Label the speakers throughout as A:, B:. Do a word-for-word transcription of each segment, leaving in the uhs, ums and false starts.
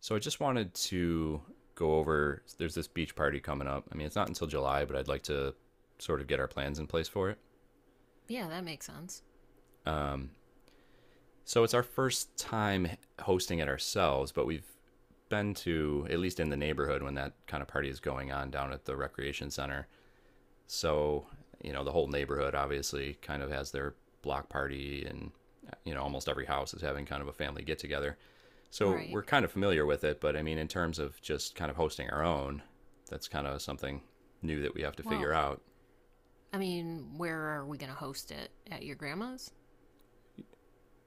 A: So I just wanted to go over there's this beach party coming up. I mean, it's not until July, but I'd like to sort of get our plans in place for it.
B: Yeah, that makes sense.
A: Um, so it's our first time hosting it ourselves, but we've been to, at least in the neighborhood when that kind of party is going on down at the recreation center. So, you know, the whole neighborhood obviously kind of has their block party, and you know, almost every house is having kind of a family get together. So,
B: Right.
A: we're kind of familiar with it, but I mean in terms of just kind of hosting our own, that's kind of something new that we have to figure
B: Well,
A: out.
B: I mean, where are we going to host it? At your grandma's?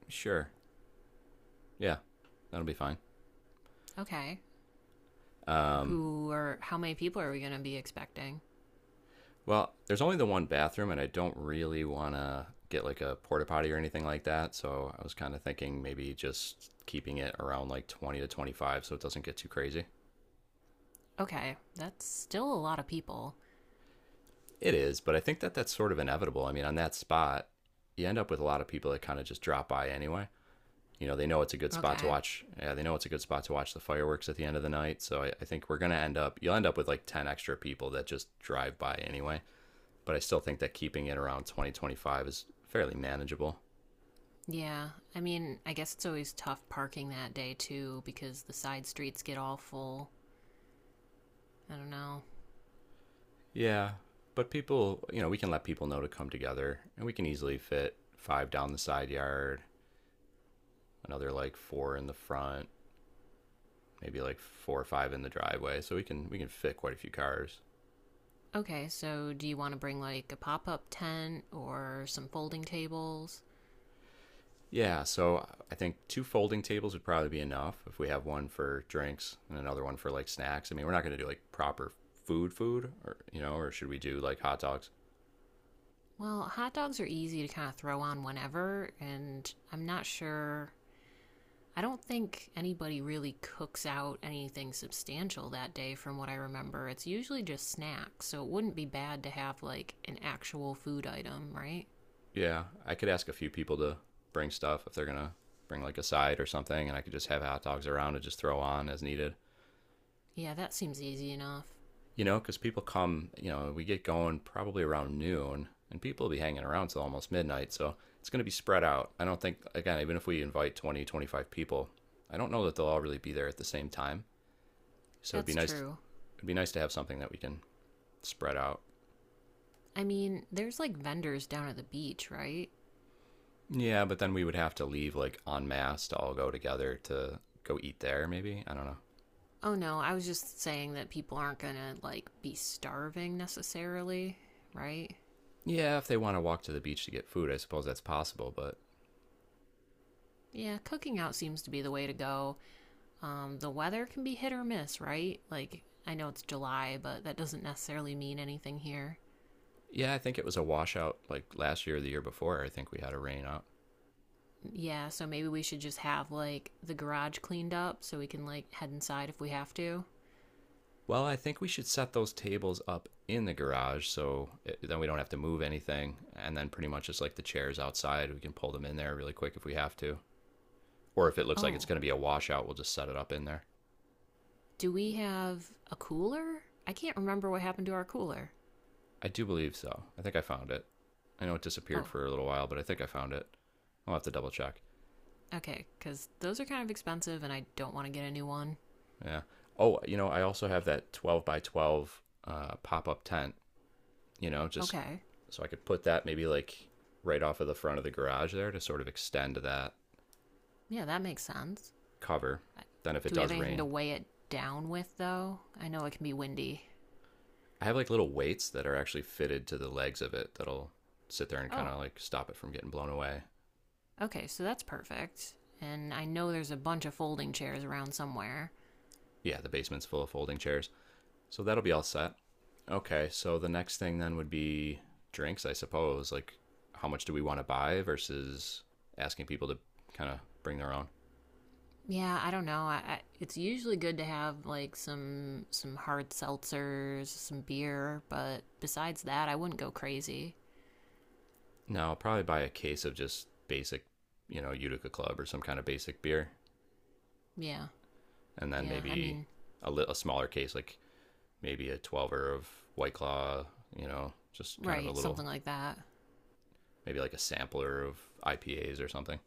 A: Sure. Yeah. That'll be fine.
B: Okay.
A: Um
B: Who are, how many people are we going to be expecting?
A: well, there's only the one bathroom and I don't really want to get like a porta potty or anything like that, so I was kind of thinking maybe just keeping it around like twenty to twenty-five so it doesn't get too crazy.
B: Okay. That's still a lot of people.
A: It is, but I think that that's sort of inevitable. I mean, on that spot, you end up with a lot of people that kind of just drop by anyway. You know, they know it's a good spot to
B: Okay.
A: watch. Yeah, they know it's a good spot to watch the fireworks at the end of the night. So I, I think we're going to end up, you'll end up with like ten extra people that just drive by anyway. But I still think that keeping it around twenty twenty five is fairly manageable.
B: Yeah. I mean, I guess it's always tough parking that day too because the side streets get all full. I don't know.
A: Yeah. But people, you know, we can let people know to come together, and we can easily fit five down the side yard, another like four in the front, maybe like four or five in the driveway, so we can we can fit quite a few cars.
B: Okay, so do you want to bring like a pop up tent or some folding tables?
A: Yeah, so I think two folding tables would probably be enough if we have one for drinks and another one for like snacks. I mean, we're not going to do like proper food food, or you know, or should we do like hot dogs?
B: Well, hot dogs are easy to kind of throw on whenever, and I'm not sure I don't think anybody really cooks out anything substantial that day from what I remember. It's usually just snacks, so it wouldn't be bad to have like an actual food item, right?
A: Yeah, I could ask a few people to bring stuff if they're going to bring like a side or something, and I could just have hot dogs around and just throw on as needed.
B: Yeah, that seems easy enough.
A: You know, because people come, you know, we get going probably around noon and people will be hanging around till almost midnight. So it's going to be spread out. I don't think, again, even if we invite twenty, twenty-five people, I don't know that they'll all really be there at the same time. So it'd be
B: That's
A: nice.
B: true.
A: It'd be nice to have something that we can spread out.
B: I mean, there's like vendors down at the beach, right?
A: Yeah, but then we would have to leave like en masse to all go together to go eat there, maybe. I don't know.
B: Oh no, I was just saying that people aren't gonna like be starving necessarily, right?
A: Yeah, if they want to walk to the beach to get food, I suppose that's possible. But
B: Yeah, cooking out seems to be the way to go. Um, the weather can be hit or miss, right? Like, I know it's July, but that doesn't necessarily mean anything here.
A: yeah, I think it was a washout like last year or the year before. I think we had a rain out.
B: Yeah, so maybe we should just have, like, the garage cleaned up so we can, like, head inside if we have to.
A: Well, I think we should set those tables up in the garage so it, then we don't have to move anything. And then pretty much just like the chairs outside, we can pull them in there really quick if we have to. Or if it looks like it's
B: Oh,
A: going to be a washout, we'll just set it up in there.
B: do we have a cooler? I can't remember what happened to our cooler.
A: I do believe so. I think I found it. I know it disappeared
B: Oh,
A: for a little while, but I think I found it. I'll have to double check.
B: okay, because those are kind of expensive and I don't want to get a new one.
A: Yeah. Oh, you know, I also have that twelve by twelve uh, pop up tent, you know, just
B: Okay,
A: so I could put that maybe like right off of the front of the garage there to sort of extend that
B: yeah, that makes sense.
A: cover. Then, if it
B: Do we have
A: does
B: anything to
A: rain.
B: weigh it down with, though? I know it can be windy.
A: I have like little weights that are actually fitted to the legs of it that'll sit there and kind of
B: Oh,
A: like stop it from getting blown away.
B: okay, so that's perfect. And I know there's a bunch of folding chairs around somewhere.
A: Yeah, the basement's full of folding chairs. So that'll be all set. Okay, so the next thing then would be drinks, I suppose. Like, how much do we want to buy versus asking people to kind of bring their own?
B: Yeah, I don't know. I, I, it's usually good to have like some some hard seltzers, some beer, but besides that, I wouldn't go crazy.
A: No, I'll probably buy a case of just basic, you know, Utica Club or some kind of basic beer,
B: Yeah,
A: and then
B: yeah. I
A: maybe
B: mean,
A: a, li- a smaller case, like maybe a twelve of White Claw, you know, just kind of a
B: right,
A: little,
B: something like that.
A: maybe like a sampler of I P As or something.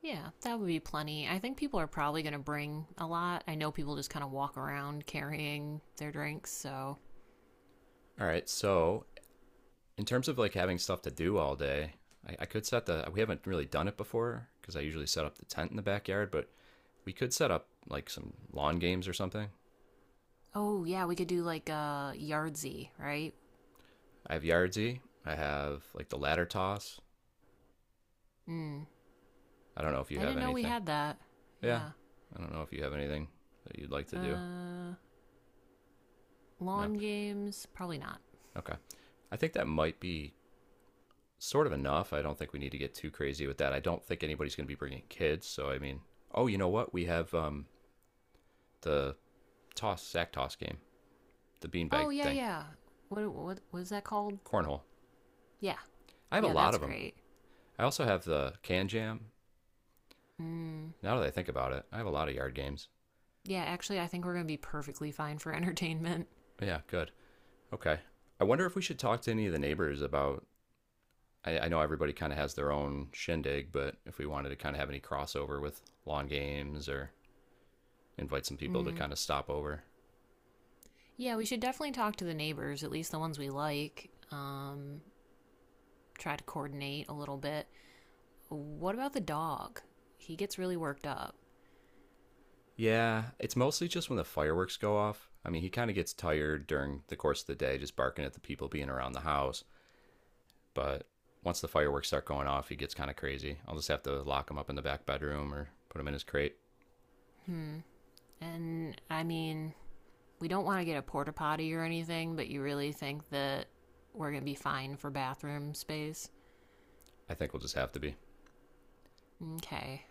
B: Yeah, that would be plenty. I think people are probably going to bring a lot. I know people just kind of walk around carrying their drinks, so.
A: All right. So, in terms of like having stuff to do all day, I, I could set the, we haven't really done it before because I usually set up the tent in the backyard, but we could set up like some lawn games or something.
B: Oh, yeah, we could do like a uh, Yardsy, right?
A: I have Yardzy. I have like the ladder toss.
B: Mm.
A: I don't know if you
B: I
A: have
B: didn't know we
A: anything.
B: had that.
A: Yeah.
B: Yeah.
A: I don't know if you have anything that you'd like to do.
B: Uh,
A: No.
B: Lawn games? Probably not.
A: Okay. I think that might be sort of enough. I don't think we need to get too crazy with that. I don't think anybody's going to be bringing kids. So I mean, oh, you know what? We have um, the toss sack toss game, the beanbag
B: Oh yeah,
A: thing,
B: yeah. What what what is that called?
A: cornhole.
B: Yeah,
A: I have a
B: yeah,
A: lot
B: that's
A: of them.
B: great.
A: I also have the can jam.
B: Mm.
A: Now that I think about it, I have a lot of yard games.
B: Yeah, actually, I think we're gonna be perfectly fine for entertainment.
A: Yeah, good. Okay. I wonder if we should talk to any of the neighbors about. I, I know everybody kind of has their own shindig, but if we wanted to kind of have any crossover with lawn games or invite some people to
B: Mm.
A: kind of stop over.
B: Yeah, we should definitely talk to the neighbors, at least the ones we like. Um, try to coordinate a little bit. What about the dog? He gets really worked up.
A: Yeah, it's mostly just when the fireworks go off. I mean, he kind of gets tired during the course of the day, just barking at the people being around the house. But once the fireworks start going off, he gets kind of crazy. I'll just have to lock him up in the back bedroom or put him in his crate.
B: Hmm. And I mean, we don't want to get a porta potty or anything, but you really think that we're gonna be fine for bathroom space?
A: I think we'll just have to be.
B: Okay.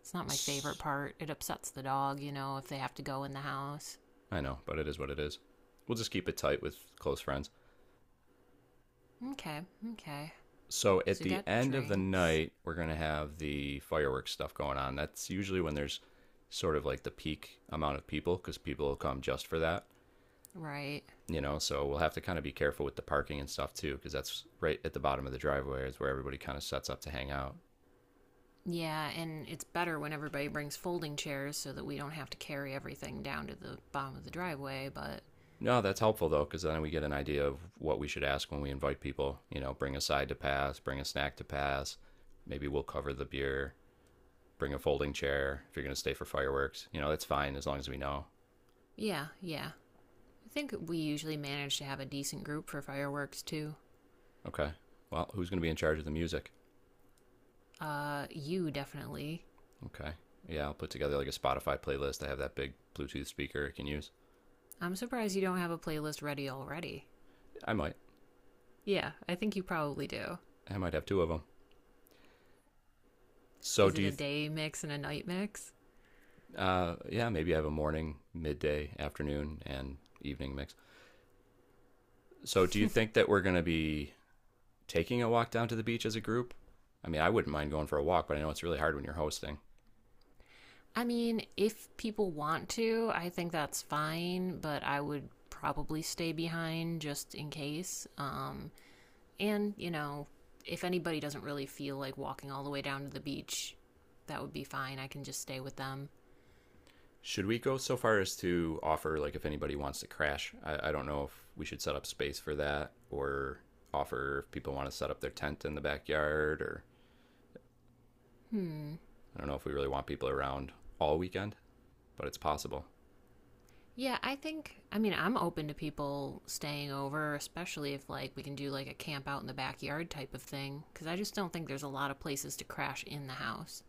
B: It's not my favorite part. It upsets the dog, you know, if they have to go in the house.
A: i know, but it is what it is. We'll just keep it tight with close friends.
B: Okay, okay.
A: So at
B: So you
A: the
B: got
A: end of the
B: drinks,
A: night, we're going to have the fireworks stuff going on. That's usually when there's sort of like the peak amount of people because people will come just for that.
B: right?
A: You know so we'll have to kind of be careful with the parking and stuff too because that's right at the bottom of the driveway is where everybody kind of sets up to hang out.
B: Yeah, and it's better when everybody brings folding chairs so that we don't have to carry everything down to the bottom of the driveway, but
A: No that's helpful though because then we get an idea of what we should ask when we invite people, you know, bring a side to pass, bring a snack to pass, maybe we'll cover the beer, bring a folding chair if you're going to stay for fireworks, you know, that's fine as long as we know.
B: yeah, yeah. I think we usually manage to have a decent group for fireworks too.
A: Okay well, who's going to be in charge of the music?
B: Uh, you definitely.
A: Okay yeah i'll put together like a Spotify playlist. I have that big Bluetooth speaker I can use.
B: I'm surprised you don't have a playlist ready already.
A: I might.
B: Yeah, I think you probably do.
A: I might have two of them. So
B: Is
A: do
B: it a
A: you?
B: day mix and a night mix?
A: Uh, yeah, maybe I have a morning, midday, afternoon, and evening mix. So, do you think that we're going to be taking a walk down to the beach as a group? I mean, I wouldn't mind going for a walk, but I know it's really hard when you're hosting.
B: I mean, if people want to, I think that's fine, but I would probably stay behind just in case. Um, and, you know, if anybody doesn't really feel like walking all the way down to the beach, that would be fine. I can just stay with them.
A: Should we go so far as to offer, like, if anybody wants to crash? I, I don't know if we should set up space for that, or offer if people want to set up their tent in the backyard, or
B: Hmm.
A: I don't know if we really want people around all weekend, but it's possible.
B: Yeah, I think, I mean, I'm open to people staying over, especially if, like, we can do, like, a camp out in the backyard type of thing, because I just don't think there's a lot of places to crash in the house.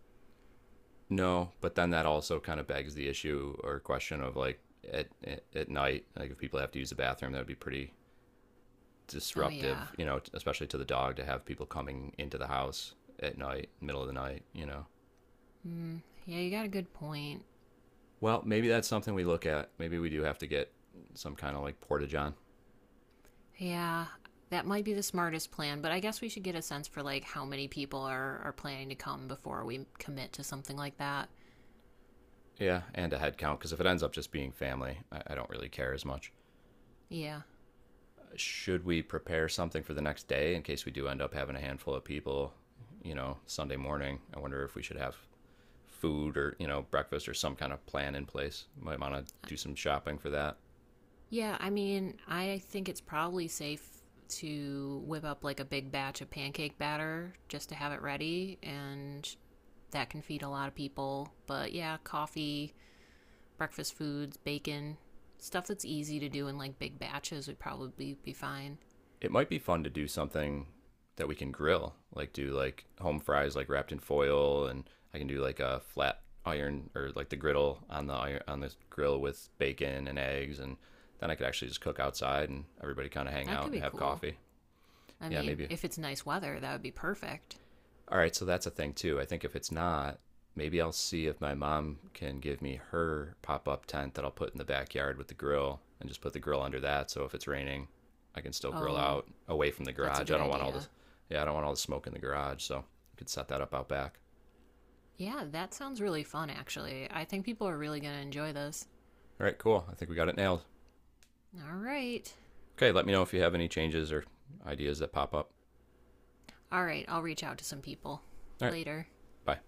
A: No, but then that also kind of begs the issue or question of like at at- night, like if people have to use the bathroom, that would be pretty
B: Oh, yeah.
A: disruptive, you know, especially to the dog to have people coming into the house at night, middle of the night, you know.
B: Hmm. Yeah, you got a good point.
A: Well, maybe that's something we look at. Maybe we do have to get some kind of like portage on.
B: Yeah, that might be the smartest plan, but I guess we should get a sense for like how many people are are planning to come before we commit to something like that.
A: Yeah, and a head count because if it ends up just being family, I, I don't really care as much.
B: Yeah.
A: Should we prepare something for the next day in case we do end up having a handful of people? You know, Sunday morning. I wonder if we should have food or you know breakfast or some kind of plan in place. Might want to do some shopping for that.
B: Yeah, I mean, I think it's probably safe to whip up like a big batch of pancake batter just to have it ready and that can feed a lot of people. But yeah, coffee, breakfast foods, bacon, stuff that's easy to do in like big batches would probably be fine.
A: It might be fun to do something that we can grill, like do like home fries like wrapped in foil, and I can do like a flat iron or like the griddle on the iron on this grill with bacon and eggs, and then I could actually just cook outside and everybody kind of hang
B: That
A: out
B: could
A: and
B: be
A: have
B: cool.
A: coffee.
B: I
A: Yeah,
B: mean,
A: maybe.
B: if it's nice weather, that would be perfect.
A: All right, so that's a thing too. I think if it's not, maybe I'll see if my mom can give me her pop up tent that I'll put in the backyard with the grill and just put the grill under that. So if it's raining, I can still grill
B: Oh,
A: out away from the
B: that's a
A: garage.
B: good
A: I don't want all
B: idea.
A: this, yeah, I don't want all the smoke in the garage. So you could set that up out back.
B: Yeah, that sounds really fun, actually. I think people are really going to enjoy this.
A: All right, cool. I think we got it nailed.
B: All right.
A: Okay, let me know if you have any changes or ideas that pop up.
B: All right, I'll reach out to some people
A: All right,
B: later.
A: bye.